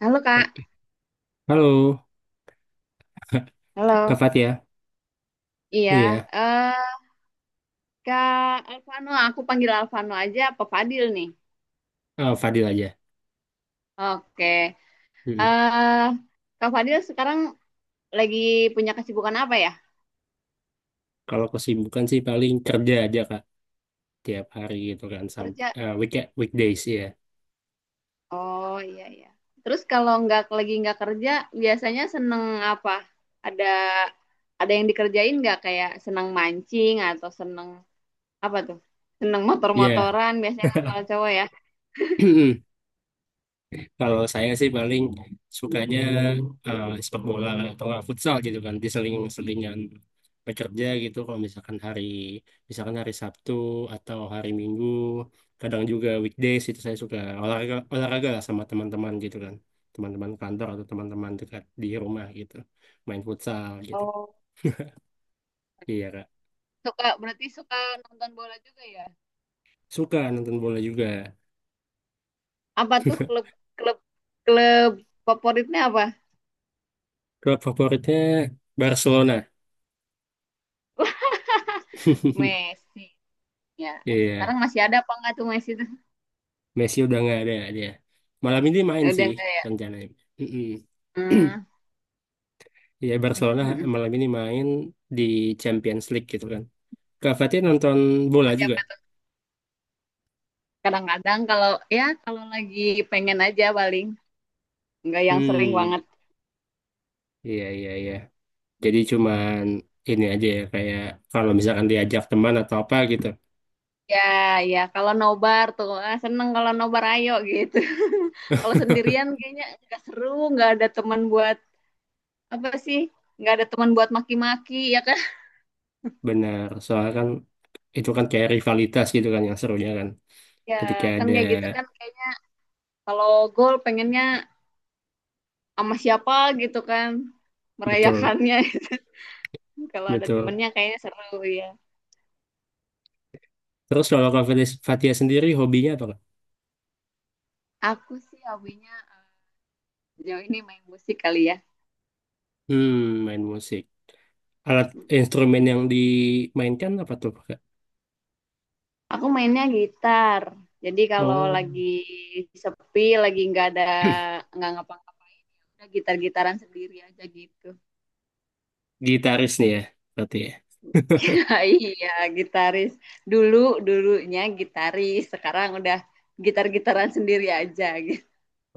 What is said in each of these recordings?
Halo, Kak. Oke. Halo, Kak Halo. Fatia. Iya, Iya, eh Kak Alvano, aku panggil Alvano aja, apa Fadil nih? Fadil aja. Oke. Mm-mm. eh Kak Fadil sekarang lagi punya kesibukan apa ya? Kalau kesibukan sih paling kerja aja, Kak. Tiap hari gitu kan. Sampai, Kerja? weekend, weekdays, ya, Oh, iya, iya. Terus kalau nggak lagi nggak kerja, biasanya seneng apa? Ada ada yang dikerjain nggak, kayak seneng mancing atau seneng apa tuh? Seneng Iya. motor-motoran biasanya kan kalau cowok ya. Kalau saya sih paling sukanya sepak bola atau nggak futsal gitu kan, diseling-selingan bekerja gitu. Kalau misalkan hari Sabtu atau hari Minggu, kadang juga weekdays itu saya suka olahraga olahraga lah sama teman-teman gitu kan, teman-teman kantor atau teman-teman dekat di rumah gitu, main futsal gitu. Oh, Iya kak, suka berarti, suka nonton bola juga ya? suka nonton bola juga. Apa tuh klub klub klub favoritnya apa? Klub favoritnya Barcelona. Wah, Messi ya. Iya. Sekarang masih ada apa enggak tuh Messi tuh? Messi udah nggak ada dia. Malam ini Ya, main udah sih enggak ya? rencananya. Mm-mm. Hmm. Ya Barcelona malam ini main di Champions League gitu kan. Kak Fatih nonton Sama bola juga. siapa tuh? Kadang-kadang kalau, ya kalau lagi pengen aja, paling enggak yang sering Hmm, banget. iya iya iya. Jadi cuman ini aja ya kayak kalau misalkan diajak teman atau apa gitu. Ya, ya, kalau nobar tuh seneng kalau nobar ayo gitu. Kalau sendirian kayaknya enggak seru, enggak ada teman buat apa sih? Enggak ada teman buat maki-maki ya kan? Benar, soalnya kan itu kan kayak rivalitas gitu kan yang serunya kan. Ya, Ketika kan ada kayak gitu kan, kayaknya kalau gol pengennya sama siapa gitu kan, betul merayakannya. Kalau ada betul. temennya kayaknya seru ya. Terus kalau Kak Fatih Fatih sendiri hobinya apa, Kak? Aku sih hobinya sejauh ini main musik kali ya. Hmm, main musik. Alat instrumen yang dimainkan apa tuh, Kak? Aku mainnya gitar. Jadi kalau Oh, lagi sepi, lagi nggak ada, nggak ngapa-ngapain, ya udah gitar-gitaran sendiri aja gitu. gitaris nih ya, berarti ya. Ya, iya, gitaris dulu, dulunya gitaris, sekarang udah gitar-gitaran sendiri aja gitu.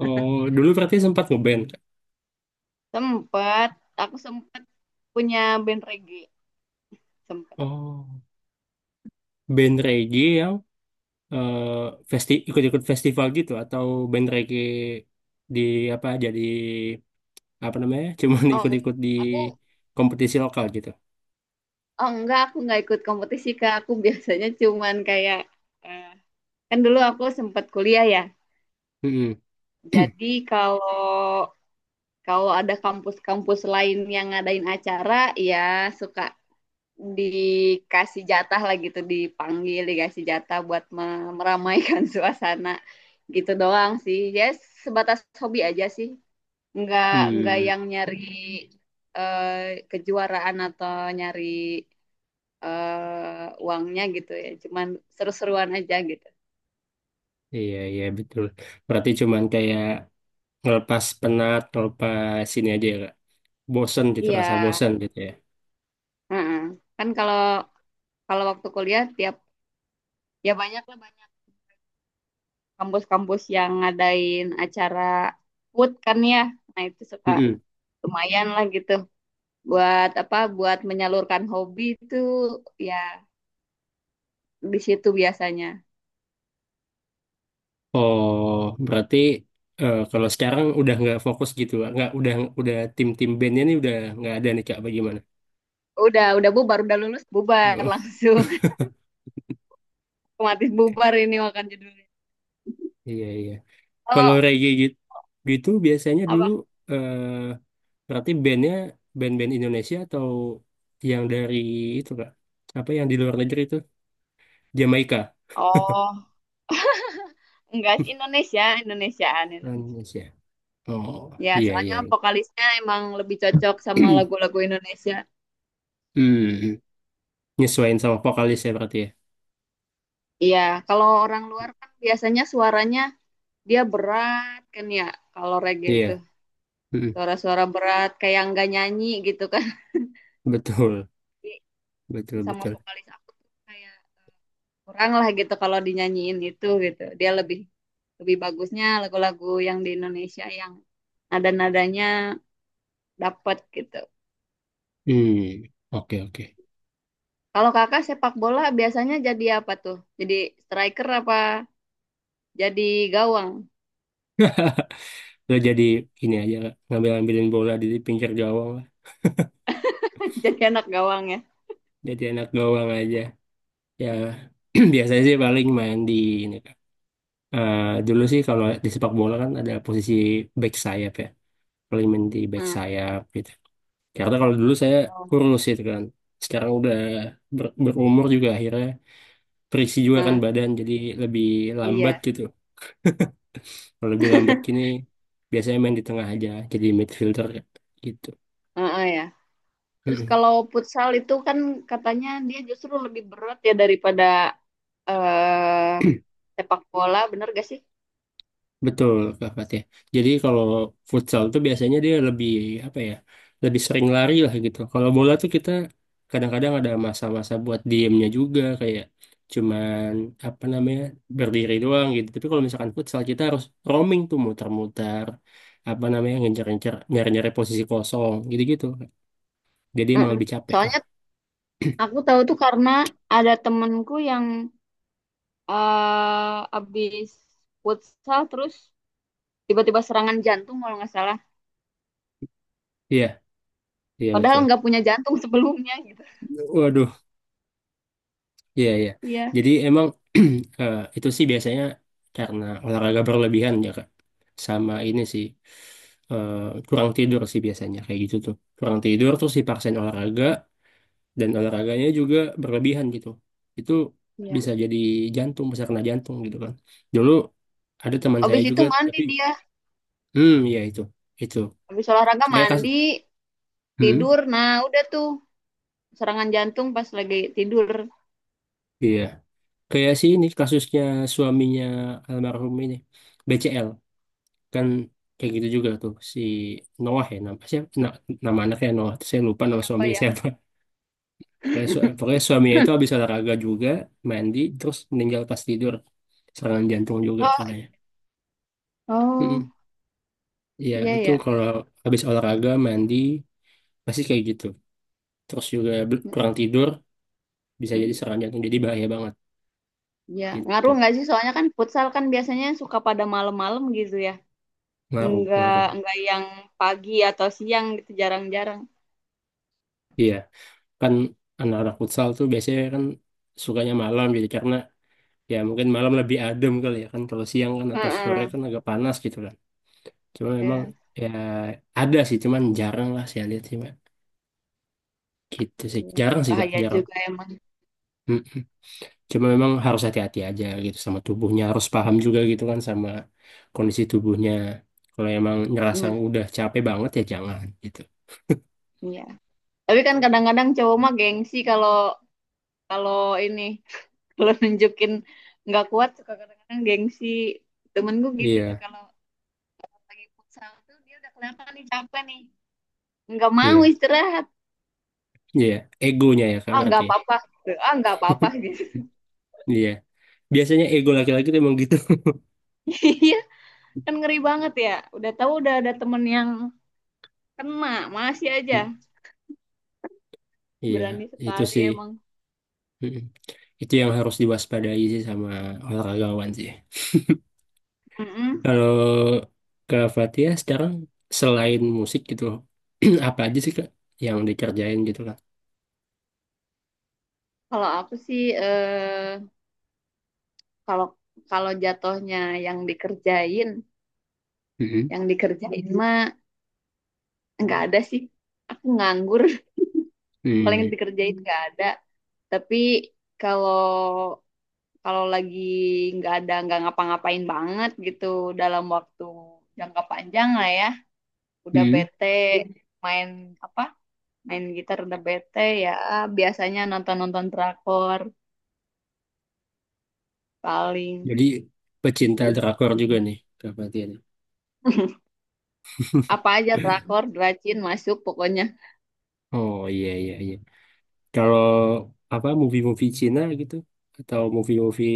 Oh, dulu berarti sempat ngeband, Kak. Sempet, aku sempet punya band reggae, sempet. Oh, band reggae yang eh, festi ikut-ikut festival gitu atau band reggae di apa jadi apa namanya? Cuman Oh, ikut-ikut di aku. kompetisi lokal gitu. Oh, enggak, aku nggak ikut kompetisi, Kak. Aku biasanya cuman kayak, eh, kan dulu aku sempat kuliah ya. Mm-mm. Jadi kalau kalau ada kampus-kampus lain yang ngadain acara, ya suka dikasih jatah lah gitu, dipanggil, dikasih jatah buat meramaikan suasana gitu doang sih. Ya, sebatas hobi aja sih. Enggak enggak Hmm, yang nyari eh, kejuaraan atau nyari uangnya gitu ya, cuman seru-seruan aja gitu. iya iya betul. Berarti cuman kayak ngelepas penat, ngelepas ini aja ya, Kak. Bosen gitu, rasa Iya, bosen gitu ya? heeh. Kan kalau kalau waktu kuliah tiap, ya banyak lah, banyak kampus-kampus yang ngadain acara food kan ya. Nah, itu suka Mm-mm. lumayan lah gitu buat apa, buat menyalurkan hobi itu ya, di situ biasanya. Oh, berarti kalau sekarang udah nggak fokus gitu, nggak udah tim-tim bandnya nih udah nggak ada nih kak, bagaimana? Udah bubar, udah lulus bubar Oh, langsung. Otomatis bubar ini, makan judulnya. iya iya. Kalau Kalau reggae gitu, gitu biasanya dulu apa? eh, berarti bandnya band-band Indonesia atau yang dari itu kak? Apa yang di luar negeri itu? Jamaika, Oh, enggak sih, Indonesia, Indonesiaan, Indonesiaan. Indonesia. Oh, Ya, iya soalnya iya. Iya. vokalisnya emang lebih cocok sama lagu-lagu Indonesia. Hmm, nyesuaiin sama vokalis ya berarti ya. Iya, kalau orang luar kan biasanya suaranya dia berat kan ya, kalau reggae itu Iya, mm, suara-suara berat kayak nggak nyanyi gitu kan. betul, Jadi, betul sama betul. vokalis aku tuh kayak kurang lah gitu kalau dinyanyiin itu gitu. Dia lebih lebih bagusnya lagu-lagu yang di Indonesia yang nada-nadanya dapet gitu. Hmm, oke oke. Kalau Kakak sepak bola biasanya jadi apa tuh? Jadi striker apa jadi gawang? Nggak jadi ini aja ngambil-ngambilin bola di pinggir gawang lah. Jadi anak gawang ya. Jadi anak gawang aja. Ya biasanya sih paling main di ini Kak. Eh, dulu sih kalau di sepak bola kan ada posisi back sayap ya. Paling main di back Hmm. sayap gitu. Karena kalau dulu saya Oh. kurus itu kan. Sekarang udah berumur juga akhirnya terisi juga kan Hmm, badan jadi lebih lambat iya. gitu. Kalau lebih lambat gini biasanya main di tengah aja jadi midfielder gitu. Heeh ya. Terus kalau futsal itu kan katanya dia justru lebih berat ya daripada eh sepak bola, bener gak sih? Betul, Kak Fatih. Jadi kalau futsal tuh biasanya dia lebih apa ya, lebih sering lari lah gitu. Kalau bola tuh kita kadang-kadang ada masa-masa buat diemnya juga kayak cuman apa namanya berdiri doang gitu. Tapi kalau misalkan futsal kita harus roaming tuh muter-muter apa namanya ngejar-ngejar nyari-nyari posisi kosong gitu-gitu. Jadi emang Mm-mm. lebih capek lah. Soalnya aku tahu tuh karena ada temenku yang abis futsal terus tiba-tiba serangan jantung kalau nggak salah. Iya, iya Padahal betul. nggak punya jantung sebelumnya gitu. Waduh, iya, iya. Iya. Jadi emang itu sih biasanya karena olahraga berlebihan ya, Kak. Sama ini sih eh, kurang tidur sih biasanya kayak gitu tuh. Kurang tidur terus dipaksain olahraga dan olahraganya juga berlebihan gitu. Itu Iya. bisa jadi jantung, bisa kena jantung gitu kan. Dulu ada teman saya Abis itu juga mandi tapi dia, ya itu. Itu. abis olahraga Kayak kas mandi, hmm tidur. Nah, udah tuh serangan jantung pas lagi tidur. iya. Kayak sih ini kasusnya suaminya almarhum ini BCL. Kan kayak gitu juga tuh si Noah ya nama siapa nama anaknya Noah. Terus saya lupa nama Apa suaminya ya? siapa. Pokoknya suaminya itu habis olahraga juga mandi terus meninggal pas tidur, serangan jantung juga Oh, katanya. oh, Mm-mm. Ya iya itu ya. kalau habis olahraga mandi pasti kayak gitu terus juga kurang tidur bisa jadi Mm, serangan jantung, jadi bahaya banget Ya, gitu. ngaruh nggak sih, soalnya kan futsal kan biasanya suka pada malam-malam gitu ya, Ngaruh nggak ngaruh nggak yang pagi atau siang gitu, jarang-jarang. iya. Kan anak-anak futsal tuh biasanya kan sukanya malam, jadi karena ya mungkin malam lebih adem kali ya kan. Kalau siang kan atau sore Heeh. kan agak panas gitu kan. Cuma memang Ya, ya ada sih cuman jarang lah saya lihat sih Mbak. Gitu sih ya, jarang sih kak bahaya jarang. juga emang. Mm-mm. Cuma memang harus hati-hati aja gitu sama tubuhnya, harus paham juga gitu kan sama kondisi tubuhnya. Kalau emang ngerasa Hmm, udah capek banget ya jangan gitu. iya, tapi kan kadang-kadang cowok mah gengsi kalau kalau ini kalau nunjukin nggak kuat, suka kadang-kadang gengsi. Temen gue gitu Iya tuh kalau lagi futsal tuh dia udah kelihatan nih capek nih, nggak mau iya istirahat. iya, egonya ya kak Ah, berarti nggak ya. apa-apa, ah nggak apa-apa gitu, Iya, biasanya ego laki-laki tuh emang gitu. iya. Kan ngeri banget ya, udah tahu udah ada temen yang kena, masih aja Mm, iya berani itu sekali sih. emang. Mm-mm. Itu yang harus diwaspadai sih sama olahragawan sih. Mm-mm. Kalau ke Fatia sekarang selain musik gitu, loh, apa aja sih Kak yang dikerjain gitu Kak? Kalau aku sih kalau kalau jatuhnya yang dikerjain, Mm-mm. yang dikerjain mah nggak ada sih, aku nganggur. Paling Mm. dikerjain nggak ada, tapi kalau kalau lagi nggak ada nggak ngapa-ngapain banget gitu dalam waktu jangka panjang lah ya, udah Mm. bete, main apa, main gitar udah bete ya, biasanya nonton-nonton drakor paling. Jadi pecinta drakor juga nih Kak Fatia nih. Apa aja, drakor dracin masuk pokoknya. Oh iya iya iya. Kalau apa movie-movie Cina gitu atau movie-movie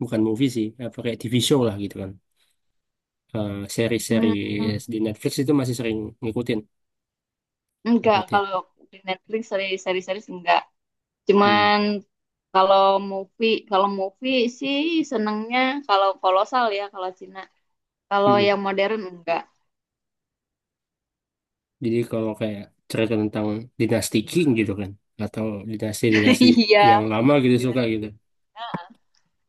bukan movie sih, apa kayak TV show lah gitu kan. Seri-seri Hmm, di Netflix itu masih sering ngikutin Kak enggak, Fatia. kalau di Netflix series-series enggak, Mm. cuman kalau kalau movie sih senengnya kalau kolosal ya, kalau Cina kalau yang modern enggak. Jadi kalau kayak cerita tentang dinasti King gitu kan, atau dinasti-dinasti Iya, yang lama gitu suka Dinasti- gitu. Din-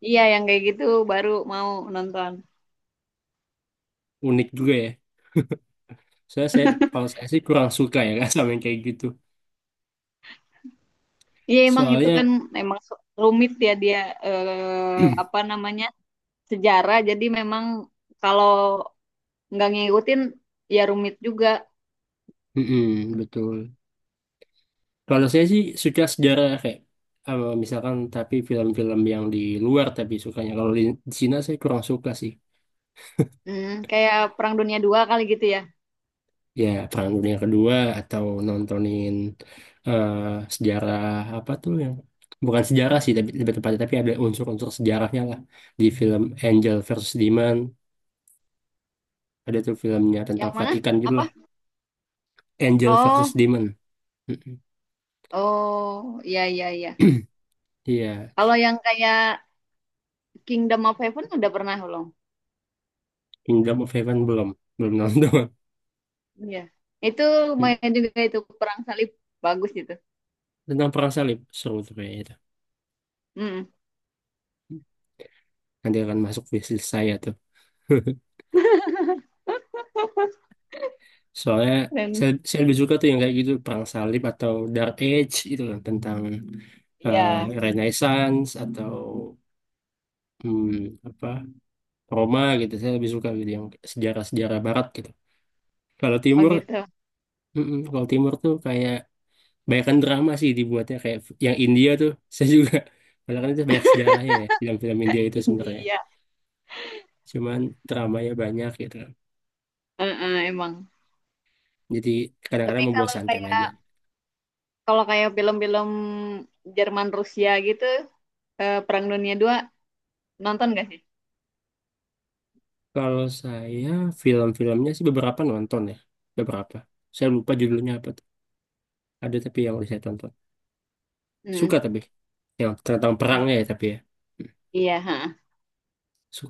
iya yang kayak gitu, baru mau nonton. Unik juga ya. Soalnya kalau saya sih kurang suka ya kan sama yang kayak gitu. Iya emang itu Soalnya, kan emang rumit ya dia, apa namanya, sejarah. Jadi memang kalau nggak ngikutin ya rumit juga. mm-mm, betul. Kalau saya sih suka sejarah kayak, misalkan tapi film-film yang di luar tapi sukanya. Kalau di Cina saya kurang suka sih. Hmm, kayak Perang Dunia II kali gitu ya. Ya Perang Dunia Kedua atau nontonin eh, sejarah apa tuh yang bukan sejarah sih tapi lebih tepatnya tapi ada unsur-unsur sejarahnya lah di film Angel versus Demon. Ada tuh filmnya tentang Yang mana? Vatikan gitu Apa? lah. Angel versus Oh, Demon. Mm-mm. oh, iya, iya, iya. Iya. Kalau yang kayak Kingdom of Heaven udah pernah belum? Kingdom of Heaven belum, belum nonton. Iya. Itu lumayan juga, itu perang salib, bagus gitu. Tentang perang salib seru tuh kayaknya itu. Hmm. Nanti akan masuk wishlist saya tuh. Soalnya Dan saya lebih suka tuh yang kayak gitu perang salib atau Dark Age itu kan tentang eh, iya. Renaissance atau apa Roma gitu. Saya lebih suka gitu yang sejarah-sejarah Barat gitu. Kalau Oh Timur, gitu. mm-mm, kalau Timur tuh kayak banyakkan drama sih dibuatnya kayak yang India tuh. Saya juga padahal kan itu banyak sejarahnya ya film-film India itu sebenarnya. India. Cuman dramanya banyak gitu. Kan. Heeh, emang. Jadi Tapi kadang-kadang kalau membosankan kayak aja. Kalau kayak film-film Jerman Rusia gitu, Perang Dunia II nonton gak sih? Kalau saya film-filmnya sih beberapa nonton ya, beberapa. Saya lupa judulnya apa tuh. Ada tapi yang saya tonton. Hmm. Suka tapi yang tentang I- perangnya ya tapi ya. Hmm, Iya, ha.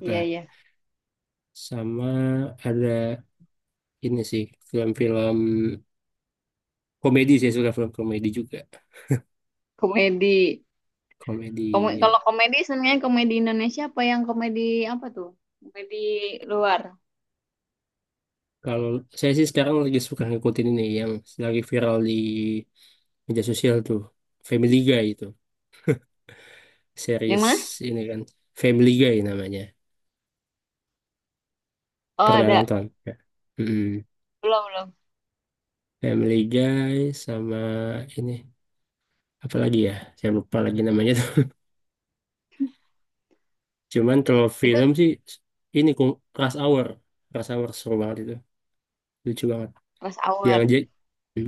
Iya, iya. Sama ada ini sih film-film komedi, saya suka film komedi juga. Komedi. Komedi ya. Kalau komedi sebenarnya komedi Indonesia apa yang komedi apa tuh? Komedi luar. Kalau saya sih sekarang lagi suka ngikutin ini yang lagi viral di media sosial tuh. Family Guy itu. Yang Series mana? ini kan. Family Guy namanya. Oh, Pernah ada. nonton? Ya. Belum, belum. Family Guy sama ini apa lagi ya? Saya lupa lagi namanya tuh. Cuman kalau Itu film sih ini Rush Hour. Rush Hour seru banget itu. Lucu banget. Rush Yang Hour.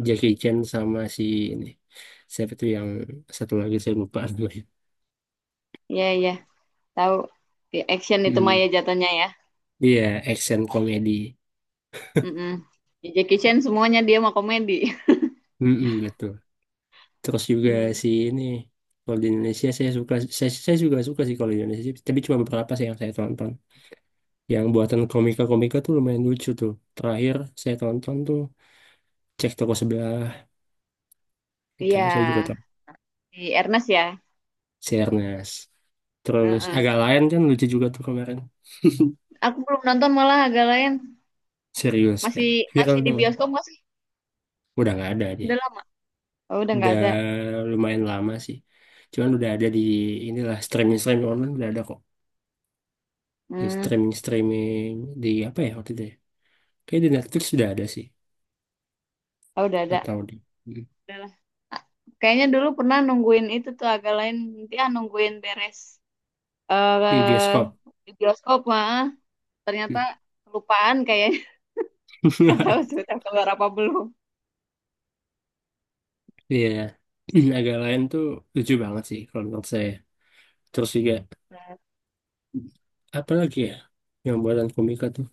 Jackie Chan sama si ini. Siapa tuh yang satu lagi saya lupa namanya. Iya, iya. Tahu. Ya, action itu Hmm. Maya jatuhnya ya. Iya, action komedi. Mm-mm. Ya, Jackie Chan semuanya dia mah komedi. Mm-mm, betul. Terus juga Hmm. si ini kalau di Indonesia saya juga suka sih kalau di Indonesia tapi cuma beberapa sih yang saya tonton. Yang buatan komika-komika tuh lumayan lucu tuh. Terakhir saya tonton tuh cek toko sebelah, itu Iya, saya juga tonton di Ernest ya. si Ernest. Terus Heeh. agak lain kan lucu juga tuh kemarin, Aku belum nonton malah, agak lain. serius kan Masih viral masih di banget. bioskop nggak sih? Udah nggak ada dia. Udah lama. Oh, udah nggak Udah ada. lumayan lama sih. Cuman udah ada di inilah streaming streaming online udah ada kok. Di Hmm, streaming streaming di apa ya waktu itu ya? Kayak di Netflix sudah ada sih oh, udah ada. atau di Udah lah. Ah, kayaknya dulu pernah nungguin itu tuh agak lain. Nanti nungguin beres di eh bioskop. di bioskop mah. Ternyata kelupaan kayaknya. Nggak tahu sudah keluar apa belum. Iya, agak lain tuh lucu banget sih kalau menurut saya. Terus juga apa lagi ya yang buatan komika tuh?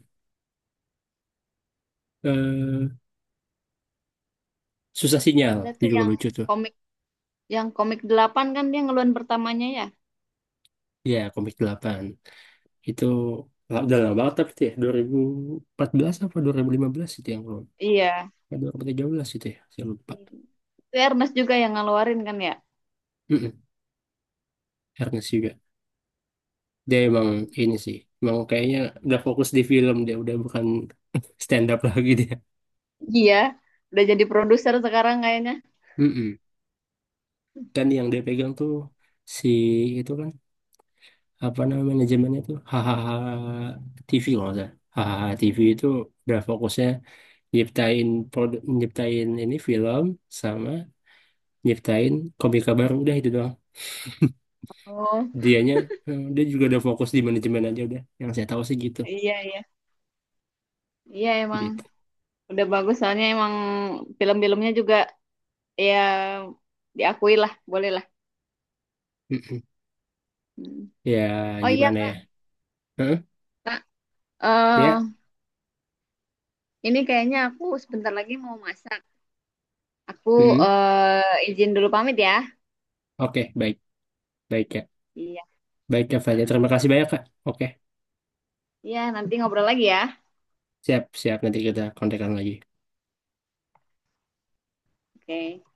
Eh, Susah Sinyal Udah tuh, juga lucu tuh. komik yang komik 8 kan dia ngeluarin pertamanya ya. Ya komik 8 itu udah lama banget tapi tuh ya 2014 apa 2015 itu yang belum. Iya. 2013 itu ya saya lupa. Itu Ernest juga yang ngeluarin kan ya. Mm-mm, Ernest juga. Dia emang ini sih. Emang kayaknya udah fokus di film dia udah bukan stand up lagi dia. Iya. Udah jadi produser sekarang kayaknya. Mm-mm. Dan yang dia pegang tuh si itu kan apa namanya manajemennya tuh hahaha TV kalau nggak salah hahaha TV itu udah fokusnya nyiptain produk nyiptain ini film sama nyiptain komika baru udah itu doang Oh, dianya, dia juga udah fokus di manajemen aja udah yang saya tahu sih gitu iya, iya. Iya emang, gitu. udah bagus soalnya emang film-filmnya juga ya, diakui lah, boleh lah. Mm-mm. Hmm. Ya Oh iya, gimana ya. Kak. Heeh, ya. eh ini kayaknya aku sebentar lagi mau masak. Aku Mm-mm. Izin dulu pamit ya. Oke baik baik ya, Iya. baik ya Fadya, Heeh. terima kasih banyak kak. Oke Iya, nanti ngobrol lagi ya. siap siap nanti kita kontekan lagi. Oke.